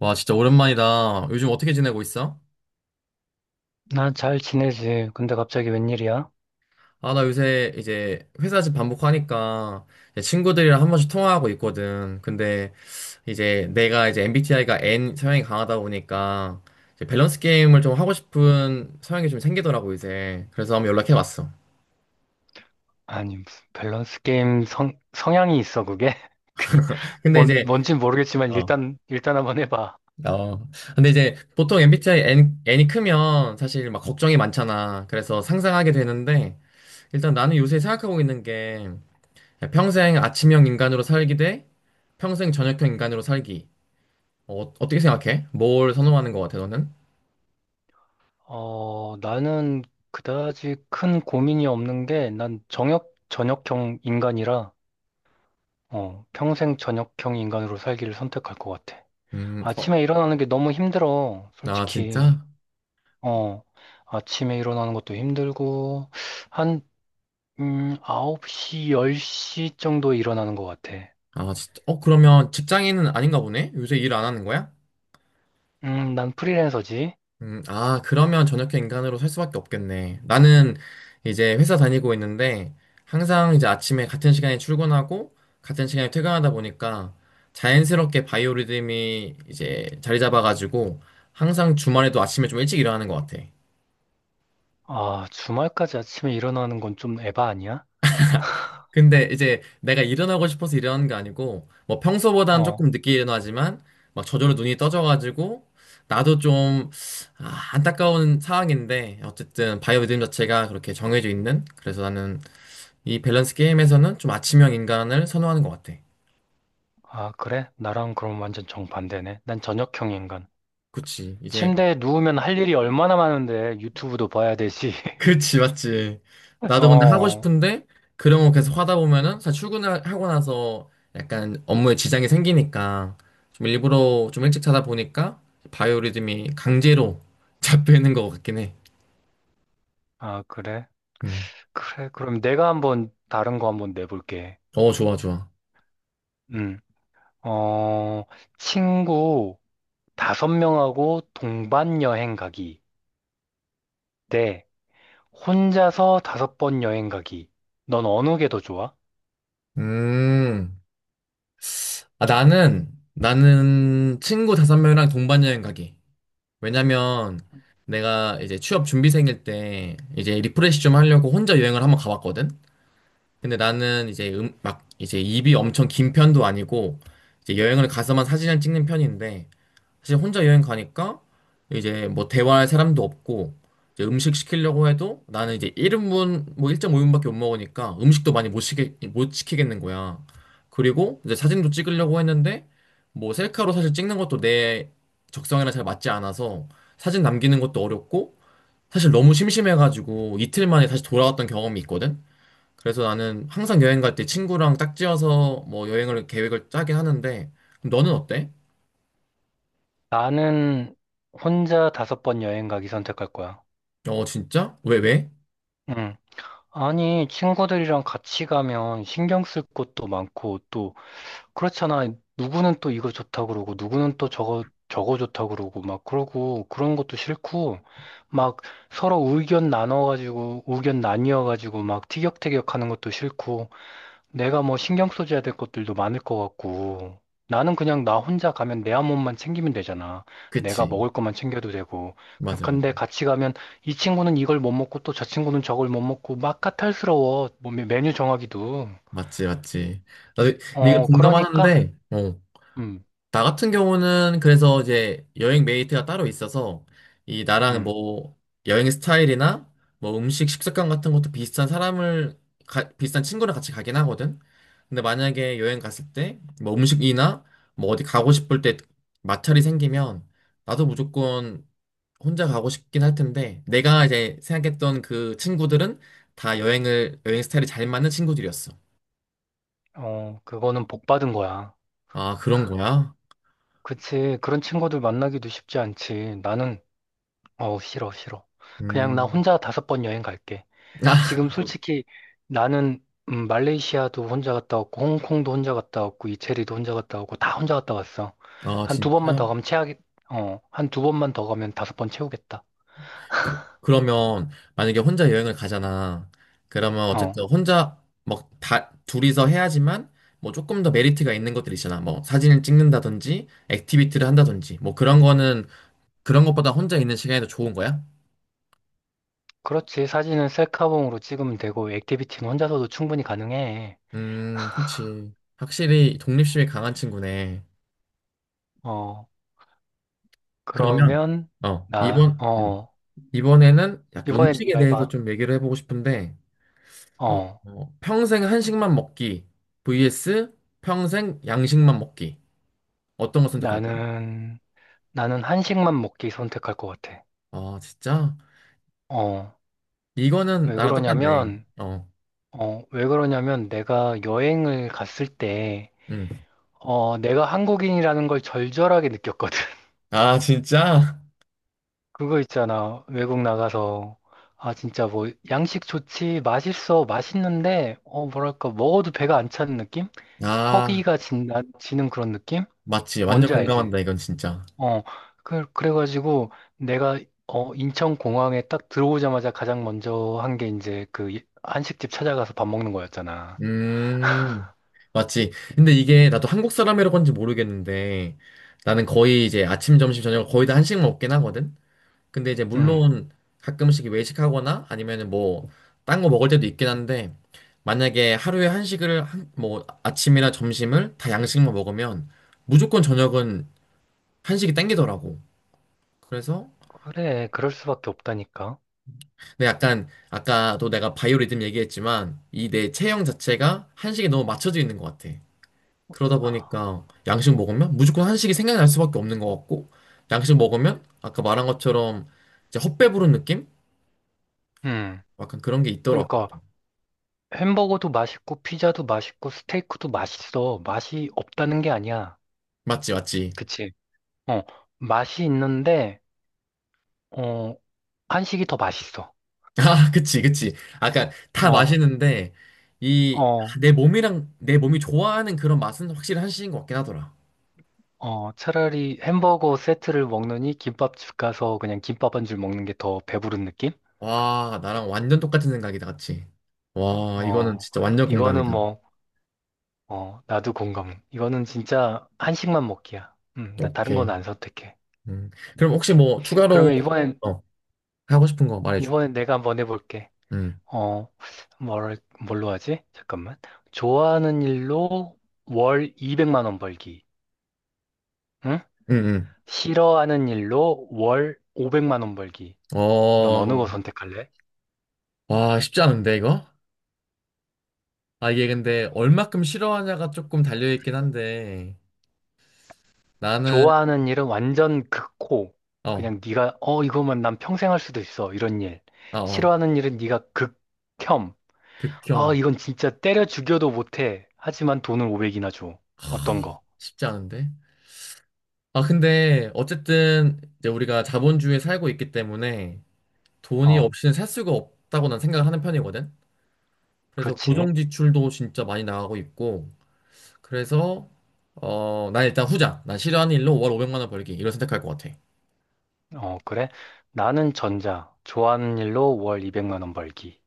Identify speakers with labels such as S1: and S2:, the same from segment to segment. S1: 와, 진짜 오랜만이다. 요즘 어떻게 지내고 있어?
S2: 난 잘 지내지. 근데 갑자기 웬일이야?
S1: 아, 나 요새 이제 회사집 반복하니까 이제 친구들이랑 한 번씩 통화하고 있거든. 근데 이제 내가 이제 MBTI가 N 성향이 강하다 보니까 이제 밸런스 게임을 좀 하고 싶은 성향이 좀 생기더라고, 이제. 그래서 한번 연락해 봤어.
S2: 아니, 무슨 밸런스 게임 성향이 있어, 그게?
S1: 근데 이제,
S2: 뭔진 모르겠지만
S1: 어,
S2: 일단 한번 해봐.
S1: 어. 근데 이제 보통 MBTI N이 크면 사실 막 걱정이 많잖아. 그래서 상상하게 되는데 일단 나는 요새 생각하고 있는 게 평생 아침형 인간으로 살기 대 평생 저녁형 인간으로 살기. 떻게 생각해? 뭘 선호하는 것 같아, 너는?
S2: 나는 그다지 큰 고민이 없는 게 난 저녁형 인간이라, 평생 저녁형 인간으로 살기를 선택할 것 같아.
S1: 음. 어.
S2: 아침에 일어나는 게 너무 힘들어,
S1: 아,
S2: 솔직히.
S1: 진짜?
S2: 어. 아침에 일어나는 것도 힘들고, 한, 9시, 10시 정도에 일어나는 것 같아.
S1: 아, 진짜? 그러면 직장인은 아닌가 보네? 요새 일 안 하는 거야?
S2: 난 프리랜서지.
S1: 아, 그러면 저녁형 인간으로 살 수밖에 없겠네. 나는 이제 회사 다니고 있는데 항상 이제 아침에 같은 시간에 출근하고 같은 시간에 퇴근하다 보니까 자연스럽게 바이오리듬이 이제 자리 잡아가지고 항상 주말에도 아침에 좀 일찍 일어나는 것 같아.
S2: 아, 주말까지 아침에 일어나는 건 좀 에바 아니야?
S1: 근데 이제 내가 일어나고 싶어서 일어나는 게 아니고 뭐 평소보다는 조금
S2: 어,
S1: 늦게 일어나지만 막 저절로 눈이 떠져가지고 나도 좀 아, 안타까운 상황인데 어쨌든 바이오 리듬 자체가 그렇게 정해져 있는 그래서 나는 이 밸런스 게임에서는 좀 아침형 인간을 선호하는 것 같아.
S2: 아, 그래? 나랑 그럼 완전 정반대네. 난 저녁형 인간.
S1: 그치. 이제
S2: 침대에 누우면 할 일이 얼마나 많은데 유튜브도 봐야 되지.
S1: 그렇지, 맞지. 나도 근데 하고
S2: 어,
S1: 싶은데 그런 거 계속 하다 보면은 사실 출근을 하고 나서 약간 업무에 지장이 생기니까 좀 일부러 좀 일찍 자다 보니까 바이오리듬이 강제로 잡히는 것 같긴 해.
S2: 아, 그래?
S1: 음.
S2: 그래, 그럼 내가 한번 다른 거 한번 내볼게.
S1: 어, 좋아, 좋아.
S2: 음, 어, 친구 다섯 명하고 동반 여행 가기. 네, 혼자서 다섯 번 여행 가기. 넌 어느 게 더 좋아?
S1: 음. 아, 나는 친구 다섯 명이랑 동반 여행 가기. 왜냐면 내가 이제 취업 준비생일 때 이제 리프레시 좀 하려고 혼자 여행을 한번 가봤거든. 근데 나는 이제 막 이제 입이 엄청 긴 편도 아니고 이제 여행을 가서만 사진을 찍는 편인데 사실 혼자 여행 가니까 이제 뭐 대화할 사람도 없고 이제 음식 시키려고 해도 나는 이제 1인분 뭐 1.5인분밖에 못 먹으니까 음식도 많이 못 시키겠는 거야. 그리고 이제 사진도 찍으려고 했는데 뭐 셀카로 사실 찍는 것도 내 적성이랑 잘 맞지 않아서 사진 남기는 것도 어렵고 사실 너무 심심해가지고 이틀 만에 다시 돌아왔던 경험이 있거든. 그래서 나는 항상 여행 갈 때 친구랑 짝지어서 뭐 여행을 계획을 짜긴 하는데 그럼 너는 어때?
S2: 나는 혼자 다섯 번 여행 가기 선택할 거야.
S1: 어 진짜? 왜?
S2: 응. 아니, 친구들이랑 같이 가면 신경 쓸 것도 많고, 또, 그렇잖아. 누구는 또 이거 좋다 그러고, 누구는 또 저거 좋다 그러고, 막 그러고, 그런 것도 싫고, 막 서로 의견 나눠가지고, 의견 나뉘어가지고, 막 티격태격 하는 것도 싫고, 내가 뭐 신경 써줘야 될 것들도 많을 것 같고, 나는 그냥 나 혼자 가면 내 한 몸만 챙기면 되잖아. 내가
S1: 그치
S2: 먹을 것만 챙겨도 되고.
S1: 맞아 맞아
S2: 근데 같이 가면 이 친구는 이걸 못 먹고 또 저 친구는 저걸 못 먹고 막 까탈스러워. 뭐 메뉴 정하기도.
S1: 맞지 맞지 나도 근데 이거
S2: 그러니까.
S1: 공감하는데 어,
S2: 음.
S1: 나 같은 경우는 그래서 이제 여행 메이트가 따로 있어서 이 나랑
S2: 음.
S1: 뭐 여행 스타일이나 뭐 음식 식습관 같은 것도 비슷한 사람을 비슷한 친구랑 같이 가긴 하거든. 근데 만약에 여행 갔을 때 뭐 음식이나 뭐 어디 가고 싶을 때 마찰이 생기면 나도 무조건 혼자 가고 싶긴 할 텐데 내가 이제 생각했던 그 친구들은 다 여행 스타일이 잘 맞는 친구들이었어.
S2: 어, 그거는 복 받은 거야.
S1: 아, 그런 거야?
S2: 그치. 그런 친구들 만나기도 쉽지 않지. 나는, 싫어, 싫어. 그냥 나
S1: 음.
S2: 혼자 다섯 번 여행 갈게. 지금 솔직히 나는 말레이시아도 혼자 갔다 왔고 홍콩도 혼자 갔다 왔고 이태리도 혼자 갔다 왔고 다 혼자 갔다 왔어.
S1: 아,
S2: 한 두 번만 더
S1: 진짜?
S2: 가면 채하겠 한 두 번만 더 가면 다섯 번 채우겠다.
S1: 그러면 만약에 혼자 여행을 가잖아. 그러면
S2: 어.
S1: 어쨌든 혼자 막 다 둘이서 해야지만 뭐 조금 더 메리트가 있는 것들 있잖아. 뭐 사진을 찍는다든지 액티비티를 한다든지 뭐 그런 거는 그런 것보다 혼자 있는 시간이 더 좋은 거야?
S2: 그렇지. 사진은 셀카봉으로 찍으면 되고 액티비티는 혼자서도 충분히 가능해.
S1: 그렇지. 확실히 독립심이 강한 친구네.
S2: 어.
S1: 그러면
S2: 그러면 나
S1: 이번
S2: 어,
S1: 이번에는 약간
S2: 이번엔
S1: 음식에
S2: 네가 해
S1: 대해서
S2: 봐.
S1: 좀 얘기를 해보고 싶은데 어,
S2: 어.
S1: 어, 평생 한식만 먹기 vs 평생 양식만 먹기. 어떤 거 선택할까요?
S2: 나는 나는 한식만 먹기 선택할 것 같아.
S1: 아, 진짜?
S2: 어.
S1: 이거는
S2: 왜
S1: 나랑 똑같네.
S2: 그러냐면
S1: 어,
S2: 왜 그러냐면 내가 여행을 갔을 때,
S1: 음.
S2: 내가 한국인이라는 걸 절절하게 느꼈거든.
S1: 아, 진짜?
S2: 그거 있잖아. 외국 나가서. 아, 진짜 뭐, 양식 좋지, 맛있어, 맛있는데, 뭐랄까, 먹어도 배가 안 차는 느낌?
S1: 아,
S2: 허기가 지는 그런 느낌?
S1: 맞지. 완전
S2: 뭔지 알지?
S1: 공감한다, 이건 진짜.
S2: 어, 그래가지고 내가, 인천공항에 딱 들어오자마자 가장 먼저 한 게 이제 그 한식집 찾아가서 밥 먹는 거였잖아.
S1: 음, 맞지. 근데 이게 나도 한국 사람이라고 하는지 모르겠는데 나는 거의 이제 아침, 점심, 저녁 거의 다 한식 먹긴 하거든? 근데 이제
S2: 음,
S1: 물론 가끔씩 외식하거나 아니면은 뭐, 딴 거 먹을 때도 있긴 한데 만약에 하루에 한식을 뭐 아침이나 점심을 다 양식만 먹으면 무조건 저녁은 한식이 땡기더라고. 그래서
S2: 그래, 그럴 수밖에 없다니까.
S1: 근데 약간 아까도 내가 바이오리듬 얘기했지만 이 내 체형 자체가 한식에 너무 맞춰져 있는 것 같아. 그러다 보니까 양식 먹으면 무조건 한식이 생각날 수밖에 없는 것 같고 양식 먹으면 아까 말한 것처럼 이제 헛배부른 느낌?
S2: 음.
S1: 약간 그런 게 있더라고.
S2: 그러니까 햄버거도 맛있고 피자도 맛있고 스테이크도 맛있어. 맛이 없다는 게 아니야.
S1: 맞지, 맞지.
S2: 그치? 어. 맛이 있는데 어, 한식이 더 맛있어.
S1: 아, 그치, 그치. 아까 다
S2: 어,
S1: 맛있는데 이
S2: 어,
S1: 내 몸이 좋아하는 그런 맛은 확실히 한식인 것 같긴 하더라.
S2: 어. 차라리 햄버거 세트를 먹느니 김밥집 가서 그냥 김밥 한 줄 먹는 게 더 배부른 느낌?
S1: 와, 나랑 완전 똑같은 생각이다, 같이. 와, 이거는
S2: 어.
S1: 진짜 완전
S2: 이거는
S1: 공감이다.
S2: 뭐 나도 공감. 이거는 진짜 한식만 먹기야. 나 다른 건
S1: 오케이.
S2: 안 선택해.
S1: 음. 그럼 혹시
S2: 이렇게.
S1: 뭐 추가로
S2: 그러면 이번엔
S1: 어, 하고 싶은 거 말해줘.
S2: 이번엔 내가 한번 해볼게.
S1: 음,
S2: 어, 뭘, 뭘로 하지? 잠깐만. 좋아하는 일로 월 200만 원 벌기. 응?
S1: 응 응
S2: 싫어하는 일로 월 500만 원 벌기. 넌 어느 거
S1: 어,
S2: 선택할래?
S1: 와, 쉽지 않은데 이거? 아, 이게 근데 얼마큼 싫어하냐가 조금 달려있긴 한데 나는
S2: 좋아하는 일은 완전 극호.
S1: 어,
S2: 그냥 네가 이거면 난 평생 할 수도 있어. 이런 일.
S1: 아, 어,
S2: 싫어하는 일은 네가 극혐.
S1: 극혐.
S2: 아, 이건 진짜 때려 죽여도 못해. 하지만 돈을 500이나 줘. 어떤 거?
S1: 쉽지 않은데? 아, 근데 어쨌든 이제 우리가 자본주의에 살고 있기 때문에 돈이
S2: 어,
S1: 없이는 살 수가 없다고 난 생각하는 편이거든. 그래서
S2: 그렇지.
S1: 고정 지출도 진짜 많이 나가고 있고, 그래서, 난 일단 후자. 난 싫어하는 일로 월 500만 원 벌기. 이걸 선택할 것 같아.
S2: 어, 그래? 나는 전자. 좋아하는 일로 월 200만 원 벌기.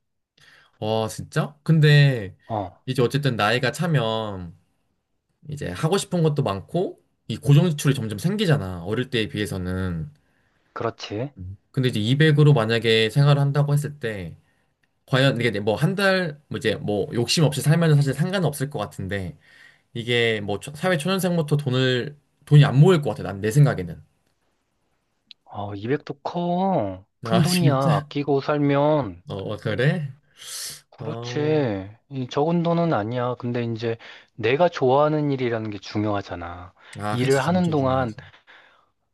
S1: 와, 진짜? 근데,
S2: 어,
S1: 이제 어쨌든 나이가 차면, 이제 하고 싶은 것도 많고, 이 고정 지출이 점점 생기잖아. 어릴 때에 비해서는.
S2: 그렇지.
S1: 음. 근데 이제 200으로 만약에 생활을 한다고 했을 때, 과연 이게 뭐 한 달, 뭐 이제 뭐 욕심 없이 살면은 사실 상관은 없을 것 같은데, 이게 뭐 사회 초년생부터 돈이 안 모일 것 같아. 난 내 생각에는.
S2: 어, 200도 커. 큰
S1: 아,
S2: 돈이야.
S1: 진짜
S2: 아끼고 살면.
S1: 어, 어, 그래? 어,
S2: 그렇지. 이 적은 돈은 아니야. 근데 이제 내가 좋아하는 일이라는 게 중요하잖아.
S1: 아,
S2: 일을
S1: 그치.
S2: 하는
S1: 엄청
S2: 동안,
S1: 중요하지.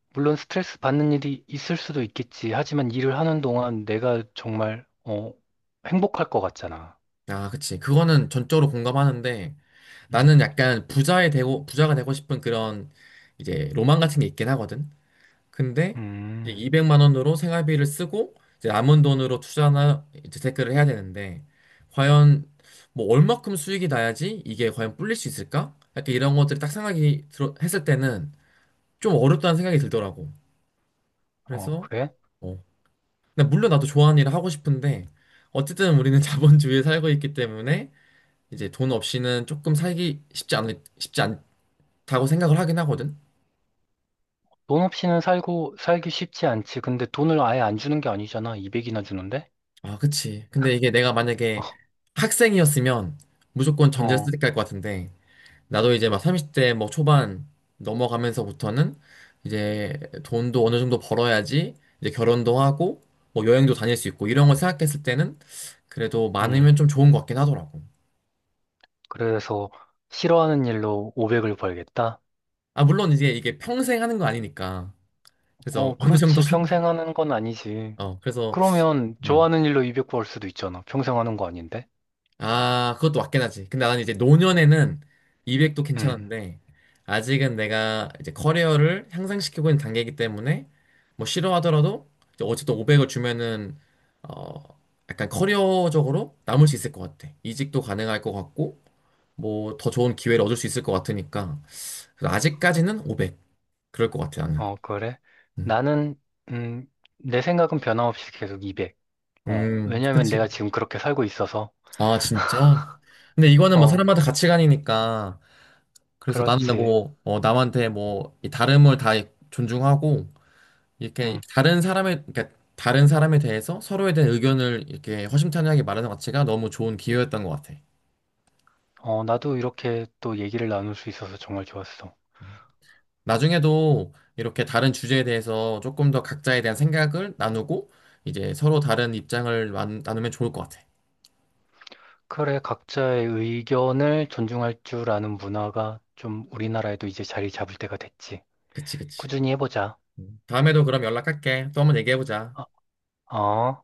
S2: 물론 스트레스 받는 일이 있을 수도 있겠지. 하지만 일을 하는 동안 내가 정말, 행복할 것 같잖아.
S1: 아, 그치. 그거는 전적으로 공감하는데
S2: 음.
S1: 나는 약간 부자가 되고 싶은 그런 이제 로망 같은 게 있긴 하거든. 근데 이제
S2: 음.
S1: 200만 원으로 생활비를 쓰고 이제 남은 돈으로 투자나 이제 재테크를 해야 되는데 과연 뭐 얼마큼 수익이 나야지 이게 과연 불릴 수 있을까? 약간 이런 것들이 딱 생각이 들어, 했을 때는 좀 어렵다는 생각이 들더라고.
S2: 어,
S1: 그래서
S2: 그래?
S1: 어, 근데 물론 나도 좋아하는 일을 하고 싶은데 어쨌든 우리는 자본주의에 살고 있기 때문에 이제 돈 없이는 조금 살기 쉽지 않다고 생각을 하긴 하거든.
S2: 돈 없이는 살기 쉽지 않지. 근데 돈을 아예 안 주는 게 아니잖아. 200이나 주는데?
S1: 아, 그치. 근데 이게 내가 만약에 학생이었으면 무조건 전제
S2: 어.
S1: 쓰레기 할것 같은데 나도 이제 막 30대 뭐 초반 넘어가면서부터는 이제 돈도 어느 정도 벌어야지 이제 결혼도 하고 뭐 여행도 다닐 수 있고 이런 걸 생각했을 때는 그래도
S2: 음.
S1: 많으면 좀 좋은 것 같긴 하더라고.
S2: 그래서 싫어하는 일로 500을 벌겠다?
S1: 아, 물론 이제 이게 평생 하는 거 아니니까. 그래서
S2: 어,
S1: 어느 정도
S2: 그렇지. 평생 하는 건 아니지.
S1: 어 그래서
S2: 그러면
S1: 음.
S2: 좋아하는 일로 200 벌 수도 있잖아. 평생 하는 거 아닌데?
S1: 아 그것도 맞긴 하지 근데 나는 이제 노년에는 200도
S2: 음.
S1: 괜찮은데 아직은 내가 이제 커리어를 향상시키고 있는 단계이기 때문에 뭐 싫어하더라도 이제 어쨌든 500을 주면은 어 약간 커리어적으로 남을 수 있을 것 같아 이직도 가능할 것 같고 뭐 더 좋은 기회를 얻을 수 있을 것 같으니까 그래서 아직까지는 500 그럴 것 같아 나는
S2: 어, 그래?
S1: 음,
S2: 나는, 음, 내 생각은 변함없이 계속 200. 왜냐면
S1: 그치.
S2: 내가 지금 그렇게 살고 있어서.
S1: 아, 진짜? 근데 이거는 뭐
S2: 어,
S1: 사람마다 가치관이니까 그래서 나는
S2: 그렇지.
S1: 뭐 남한테 뭐이 다름을 다 존중하고 이렇게
S2: 음.
S1: 다른 사람의 그러니까 다른 사람에 대해서 서로에 대한 의견을 이렇게 허심탄회하게 말하는 가치가 너무 좋은 기회였던 것 같아.
S2: 나도 이렇게 또 얘기를 나눌 수 있어서 정말 좋았어.
S1: 나중에도 이렇게 다른 주제에 대해서 조금 더 각자에 대한 생각을 나누고 이제 서로 다른 입장을 나누면 좋을 것 같아.
S2: 그래, 각자의 의견을 존중할 줄 아는 문화가 좀 우리나라에도 이제 자리 잡을 때가 됐지.
S1: 그치, 그치.
S2: 꾸준히 해보자.
S1: 음. 다음에도 그럼 연락할게. 또 한번 얘기해보자.
S2: 어, 어.